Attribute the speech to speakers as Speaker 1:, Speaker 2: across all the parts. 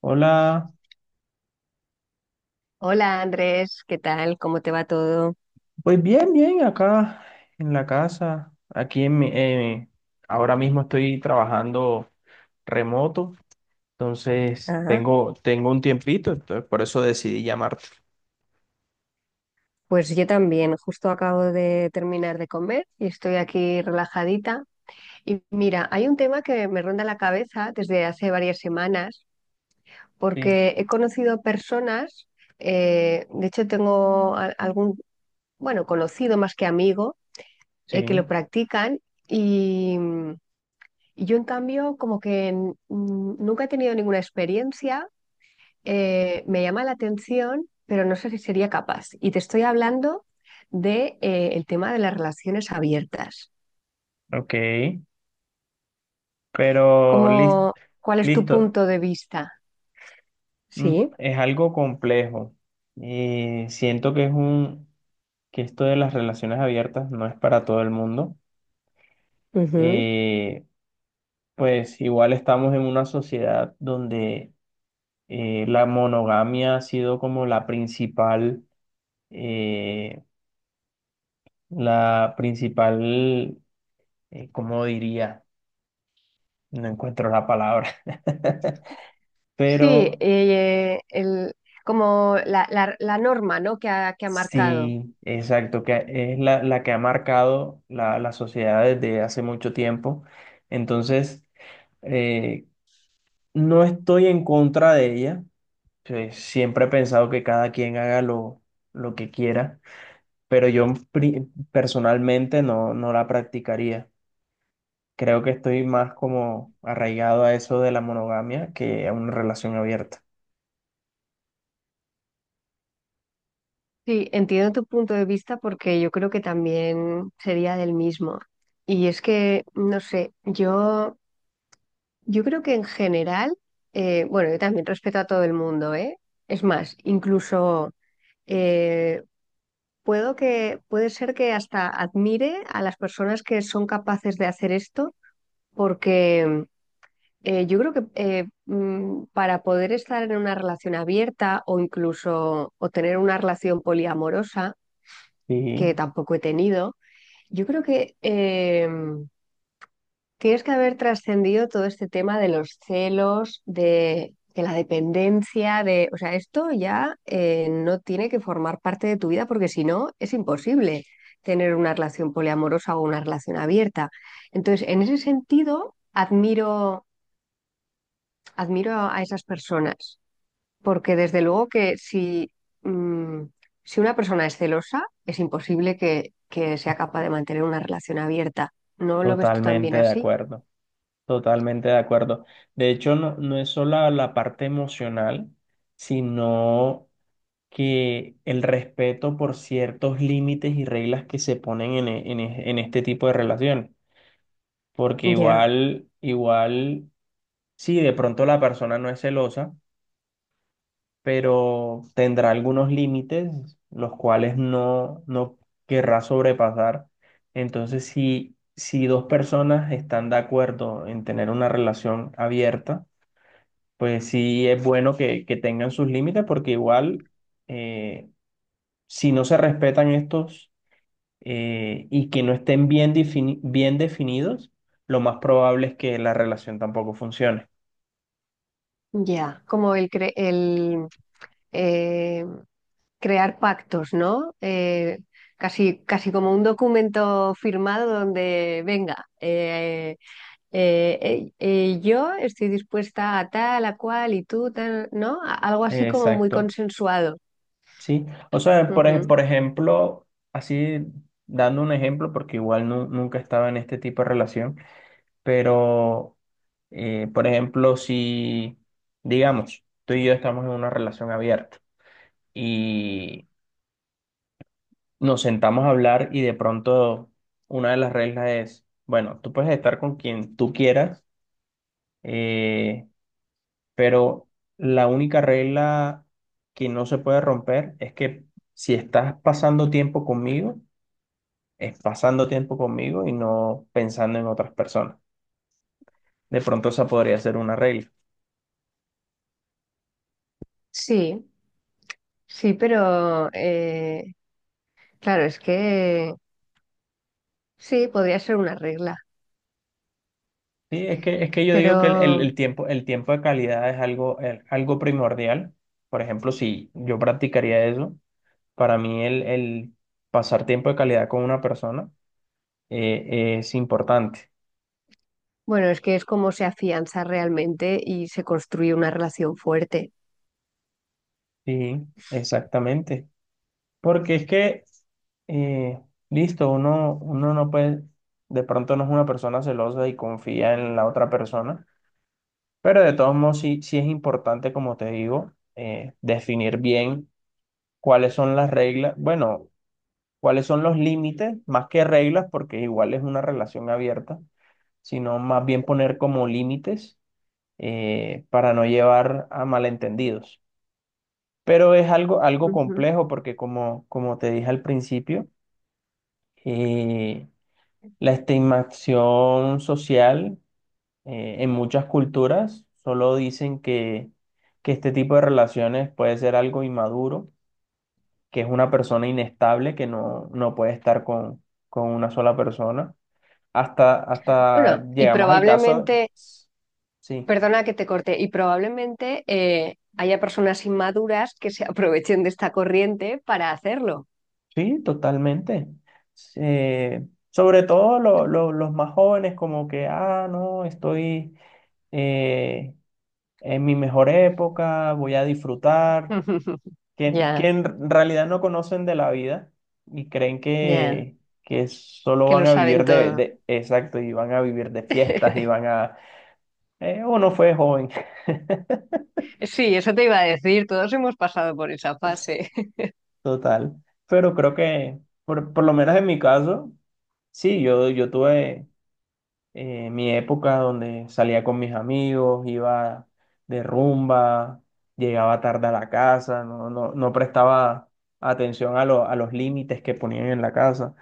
Speaker 1: Hola,
Speaker 2: Hola Andrés, ¿qué tal? ¿Cómo te va todo?
Speaker 1: pues bien, bien, acá en la casa, aquí en mi, ahora mismo estoy trabajando remoto. Entonces
Speaker 2: Ah,
Speaker 1: tengo un tiempito, entonces por eso decidí llamarte.
Speaker 2: pues yo también, justo acabo de terminar de comer y estoy aquí relajadita. Y mira, hay un tema que me ronda la cabeza desde hace varias semanas,
Speaker 1: Sí,
Speaker 2: porque he conocido personas, de hecho tengo algún, bueno, conocido más que amigo, que
Speaker 1: sí,
Speaker 2: lo practican y, y yo en cambio como que, nunca he tenido ninguna experiencia me llama la atención, pero no sé si sería capaz. Y te estoy hablando de el tema de las relaciones abiertas.
Speaker 1: ok, pero lis-
Speaker 2: ¿Cómo? ¿Cuál es tu
Speaker 1: listo.
Speaker 2: punto de vista? Sí.
Speaker 1: Es algo complejo y siento que esto de las relaciones abiertas no es para todo el mundo.
Speaker 2: Ujú.
Speaker 1: Eh, pues igual estamos en una sociedad donde la monogamia ha sido como eh, la principal, ¿cómo diría? No encuentro la palabra.
Speaker 2: Sí,
Speaker 1: Pero
Speaker 2: como la norma, ¿no? Que ha marcado.
Speaker 1: sí, exacto, que es la que ha marcado la sociedad desde hace mucho tiempo. Entonces, eh, no estoy en contra de ella. Pues, siempre he pensado que cada quien haga lo que quiera, pero personalmente no, no la practicaría. Creo que estoy más como arraigado a eso de la monogamia que a una relación abierta.
Speaker 2: Sí, entiendo tu punto de vista porque yo creo que también sería del mismo. Y es que, no sé, yo creo que en general, bueno, yo también respeto a todo el mundo, ¿eh? Es más, incluso eh, puede ser que hasta admire a las personas que son capaces de hacer esto, porque yo creo que para poder estar en una relación abierta o incluso o tener una relación poliamorosa,
Speaker 1: Sí,
Speaker 2: que tampoco he tenido, yo creo que tienes que haber trascendido todo este tema de los celos, de la dependencia, de, o sea, esto ya no tiene que formar parte de tu vida porque si no es imposible tener una relación poliamorosa o una relación abierta. Entonces, en ese sentido, admiro a esas personas porque desde luego que si, mm, si una persona es celosa, es imposible que sea capaz de mantener una relación abierta. ¿No lo ves tú también
Speaker 1: totalmente de
Speaker 2: así?
Speaker 1: acuerdo, totalmente de acuerdo. De hecho, no, no es solo la parte emocional, sino que el respeto por ciertos límites y reglas que se ponen en este tipo de relaciones. Porque
Speaker 2: Ya.
Speaker 1: igual, igual, sí, de pronto la persona no es celosa, pero tendrá algunos límites los cuales no, no querrá sobrepasar. Entonces, si dos personas están de acuerdo en tener una relación abierta, pues sí es bueno que tengan sus límites, porque igual eh, si no se respetan estos, y que no estén bien definidos, lo más probable es que la relación tampoco funcione.
Speaker 2: Ya, como el, cre- el eh, crear pactos, ¿no? Casi, casi como un documento firmado donde, venga, yo estoy dispuesta a tal, a cual y tú, tal, ¿no? Algo así como muy
Speaker 1: Exacto.
Speaker 2: consensuado.
Speaker 1: Sí, o sea,
Speaker 2: Ujú.
Speaker 1: por ejemplo, así dando un ejemplo, porque nunca estaba en este tipo de relación, pero, por ejemplo, si, digamos, tú y yo estamos en una relación abierta y nos sentamos a hablar, y de pronto una de las reglas es, bueno, tú puedes estar con quien tú quieras, eh, pero la única regla que no se puede romper es que si estás pasando tiempo conmigo, es pasando tiempo conmigo y no pensando en otras personas. De pronto esa podría ser una regla.
Speaker 2: Sí, sí, pero claro, es que sí, podría ser una regla,
Speaker 1: Sí, es que yo digo que
Speaker 2: pero
Speaker 1: el tiempo de calidad es algo, algo primordial. Por ejemplo, si yo practicaría eso, para mí el pasar tiempo de calidad con una persona es importante.
Speaker 2: bueno, es que es como se afianza realmente y se construye una relación fuerte.
Speaker 1: Sí, exactamente. Porque es que, eh, listo, uno, uno no puede, de pronto no es una persona celosa y confía en la otra persona. Pero de todos modos, sí, sí es importante, como te digo, definir bien cuáles son las reglas, bueno, cuáles son los límites, más que reglas, porque igual es una relación abierta, sino más bien poner como límites, para no llevar a malentendidos. Pero es algo, algo
Speaker 2: Ujú.
Speaker 1: complejo porque como, como te dije al principio, eh, la estimación social. En muchas culturas solo dicen que este tipo de relaciones puede ser algo inmaduro, que es una persona inestable, que no, no puede estar con una sola persona. Hasta,
Speaker 2: Bueno,
Speaker 1: hasta
Speaker 2: y
Speaker 1: llegamos al caso,
Speaker 2: probablemente,
Speaker 1: sí,
Speaker 2: perdona que te corte, y probablemente haya personas inmaduras que se aprovechen de esta corriente para hacerlo.
Speaker 1: sí, totalmente. Sobre todo los más jóvenes, como que, ah, no, estoy eh, en mi mejor época, voy a disfrutar. Que
Speaker 2: Ya,
Speaker 1: en realidad no conocen de la vida y creen
Speaker 2: ya,
Speaker 1: que solo
Speaker 2: que
Speaker 1: van
Speaker 2: lo
Speaker 1: a vivir
Speaker 2: saben todo.
Speaker 1: exacto, y van a vivir de fiestas y van a, uno fue joven.
Speaker 2: Sí, eso te iba a decir, todos hemos pasado por esa fase.
Speaker 1: Total, pero creo que, por lo menos en mi caso, sí, yo tuve mi época donde salía con mis amigos, iba de rumba, llegaba tarde a la casa, no, no, no prestaba atención a, a los límites que ponían en la casa.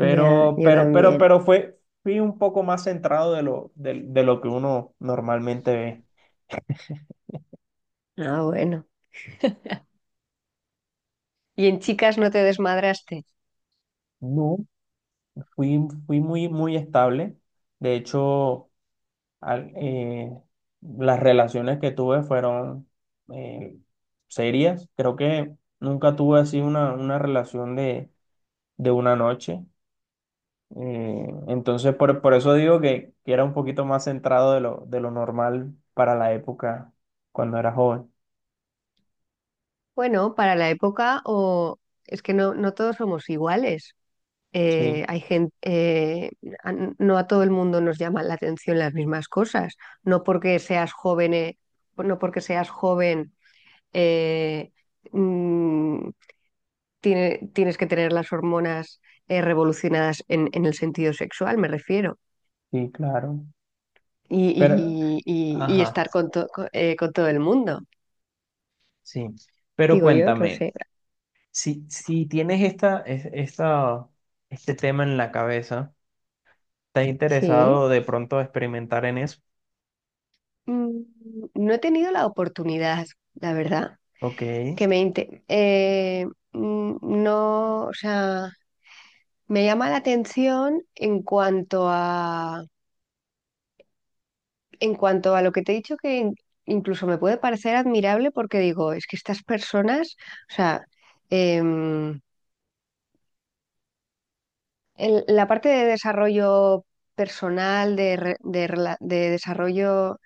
Speaker 2: Ya, yo también.
Speaker 1: Pero fue, fui un poco más centrado de lo que uno normalmente ve.
Speaker 2: Ah, bueno. ¿Y en chicas no te desmadraste?
Speaker 1: No. Fui, fui muy, muy estable. De hecho, al- eh, las relaciones que tuve fueron eh, serias. Creo que nunca tuve así una relación de una noche. Entonces, por eso digo que era un poquito más centrado de lo normal para la época cuando era joven.
Speaker 2: Bueno, para la época, o es que no, no todos somos iguales.
Speaker 1: Sí,
Speaker 2: Hay gente, no a todo el mundo nos llaman la atención las mismas cosas. No porque seas joven, no porque seas joven, eh, mm, tienes que tener las hormonas revolucionadas en el sentido sexual, me refiero.
Speaker 1: sí, claro.
Speaker 2: Y,
Speaker 1: Pero,
Speaker 2: y
Speaker 1: ajá,
Speaker 2: estar con, con todo el mundo.
Speaker 1: sí. Pero
Speaker 2: Digo yo, no
Speaker 1: cuéntame,
Speaker 2: sé.
Speaker 1: si, esta, este tema en la cabeza, ¿estás
Speaker 2: Sí.
Speaker 1: interesado de pronto experimentar en eso?
Speaker 2: Mm, no he tenido la oportunidad, la verdad,
Speaker 1: Ok,
Speaker 2: que me inte- mm, no, o sea, me llama la atención en cuanto a lo que te he dicho incluso me puede parecer admirable porque digo, es que estas personas, o sea, em, la parte de desarrollo personal, de, re- de rela- de desarrollo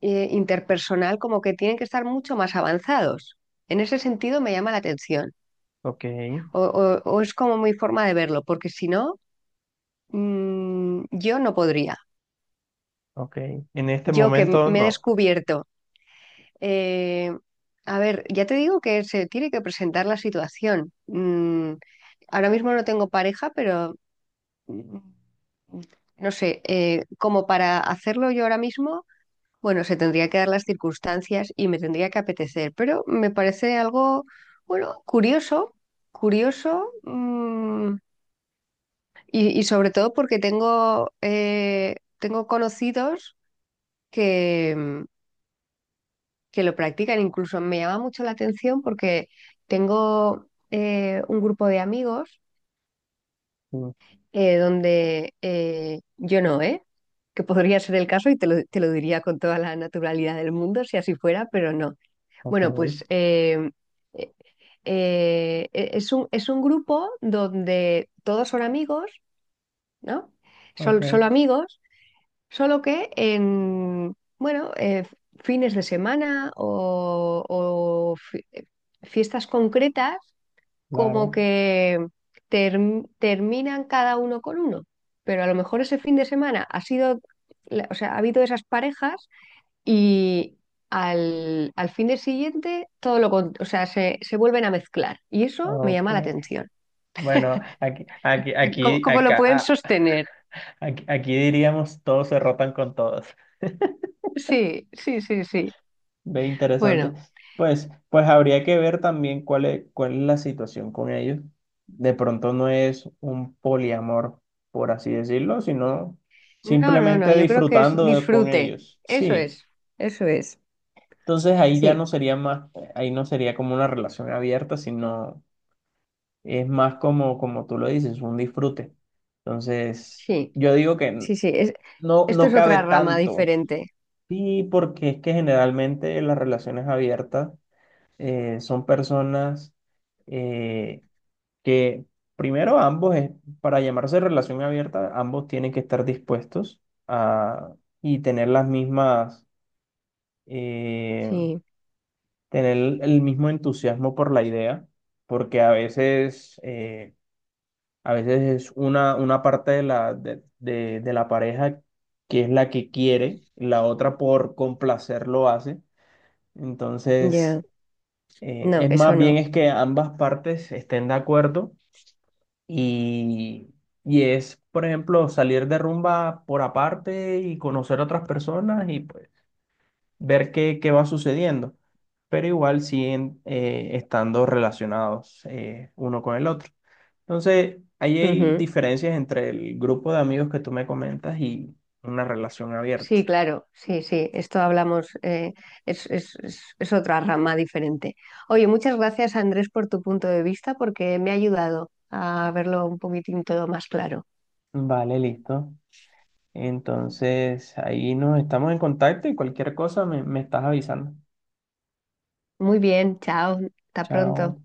Speaker 2: interpersonal, como que tienen que estar mucho más avanzados. En ese sentido me llama la atención.
Speaker 1: ok,
Speaker 2: O es como mi forma de verlo, porque si no, yo no podría.
Speaker 1: ok. En este
Speaker 2: Yo que
Speaker 1: momento
Speaker 2: me he
Speaker 1: no.
Speaker 2: descubierto. eh, a ver, ya te digo que se tiene que presentar la situación. Ahora mismo no tengo pareja, pero mm, no sé, como para hacerlo yo ahora mismo, bueno, se tendría que dar las circunstancias y me tendría que apetecer, pero me parece algo, bueno, curioso, curioso. Y sobre todo porque tengo, tengo conocidos que, mm, que lo practican. Incluso me llama mucho la atención porque tengo un grupo de amigos
Speaker 1: Sí,
Speaker 2: donde yo no, ¿eh? Que podría ser el caso y te lo diría con toda la naturalidad del mundo si así fuera, pero no.
Speaker 1: ok,
Speaker 2: Bueno, pues eh, e, es un grupo donde todos son amigos, ¿no?
Speaker 1: ok,
Speaker 2: Son solo amigos. Solo que en, bueno, fines de semana o, fiestas concretas, como
Speaker 1: claro,
Speaker 2: que terminan cada uno con uno. Pero a lo mejor ese fin de semana ha sido, o sea, ha habido esas parejas y al, al fin de siguiente o sea, se vuelven a mezclar. Y eso me
Speaker 1: ok.
Speaker 2: llama la atención.
Speaker 1: Bueno, aquí, aquí,
Speaker 2: ¿Cómo,
Speaker 1: aquí,
Speaker 2: cómo lo
Speaker 1: acá,
Speaker 2: pueden
Speaker 1: ah,
Speaker 2: sostener?
Speaker 1: aquí, aquí diríamos todos se rotan con todos.
Speaker 2: Sí, sí, sí, sí.
Speaker 1: Ve interesante.
Speaker 2: Bueno.
Speaker 1: Pues, pues habría que ver también cuál es la situación con ellos. De pronto no es un poliamor, por así decirlo, sino
Speaker 2: No, no, no,
Speaker 1: simplemente
Speaker 2: yo creo que es
Speaker 1: con
Speaker 2: disfrute.
Speaker 1: ellos.
Speaker 2: Eso
Speaker 1: Sí.
Speaker 2: es, eso es.
Speaker 1: Entonces ahí ya
Speaker 2: Sí,
Speaker 1: no sería más, ahí no sería como una relación abierta, sino es más como, como tú lo dices, un disfrute. Entonces,
Speaker 2: sí,
Speaker 1: yo digo que
Speaker 2: sí, sí. Es,
Speaker 1: no,
Speaker 2: esto
Speaker 1: no
Speaker 2: es
Speaker 1: cabe
Speaker 2: otra rama
Speaker 1: tanto.
Speaker 2: diferente.
Speaker 1: Sí, porque es que generalmente las relaciones abiertas son personas eh, que primero ambos, para llamarse relación abierta, ambos tienen que estar dispuestos a, y tener las mismas, eh,
Speaker 2: Sí,
Speaker 1: tener el mismo entusiasmo por la idea, porque a veces es una parte de de la pareja que es la que quiere, la otra por complacer lo hace. Entonces,
Speaker 2: ya.
Speaker 1: eh,
Speaker 2: No,
Speaker 1: es
Speaker 2: eso
Speaker 1: más bien
Speaker 2: no.
Speaker 1: es que ambas partes estén de acuerdo y, y es, por ejemplo, salir de rumba por aparte y conocer a otras personas y pues ver qué, qué va sucediendo, pero igual siguen estando relacionados, uno con el otro. Entonces, ahí hay
Speaker 2: Ujú.
Speaker 1: diferencias entre el grupo de amigos que tú me comentas y una relación abierta.
Speaker 2: Sí, claro, sí, sí. Esto hablamos, es otra rama diferente. Oye, muchas gracias, Andrés, por tu punto de vista, porque me ha ayudado a verlo un poquitín todo más claro.
Speaker 1: Vale, listo. Entonces, ahí nos estamos en contacto y cualquier cosa me, me estás avisando.
Speaker 2: Muy bien, chao, hasta pronto.
Speaker 1: Chao.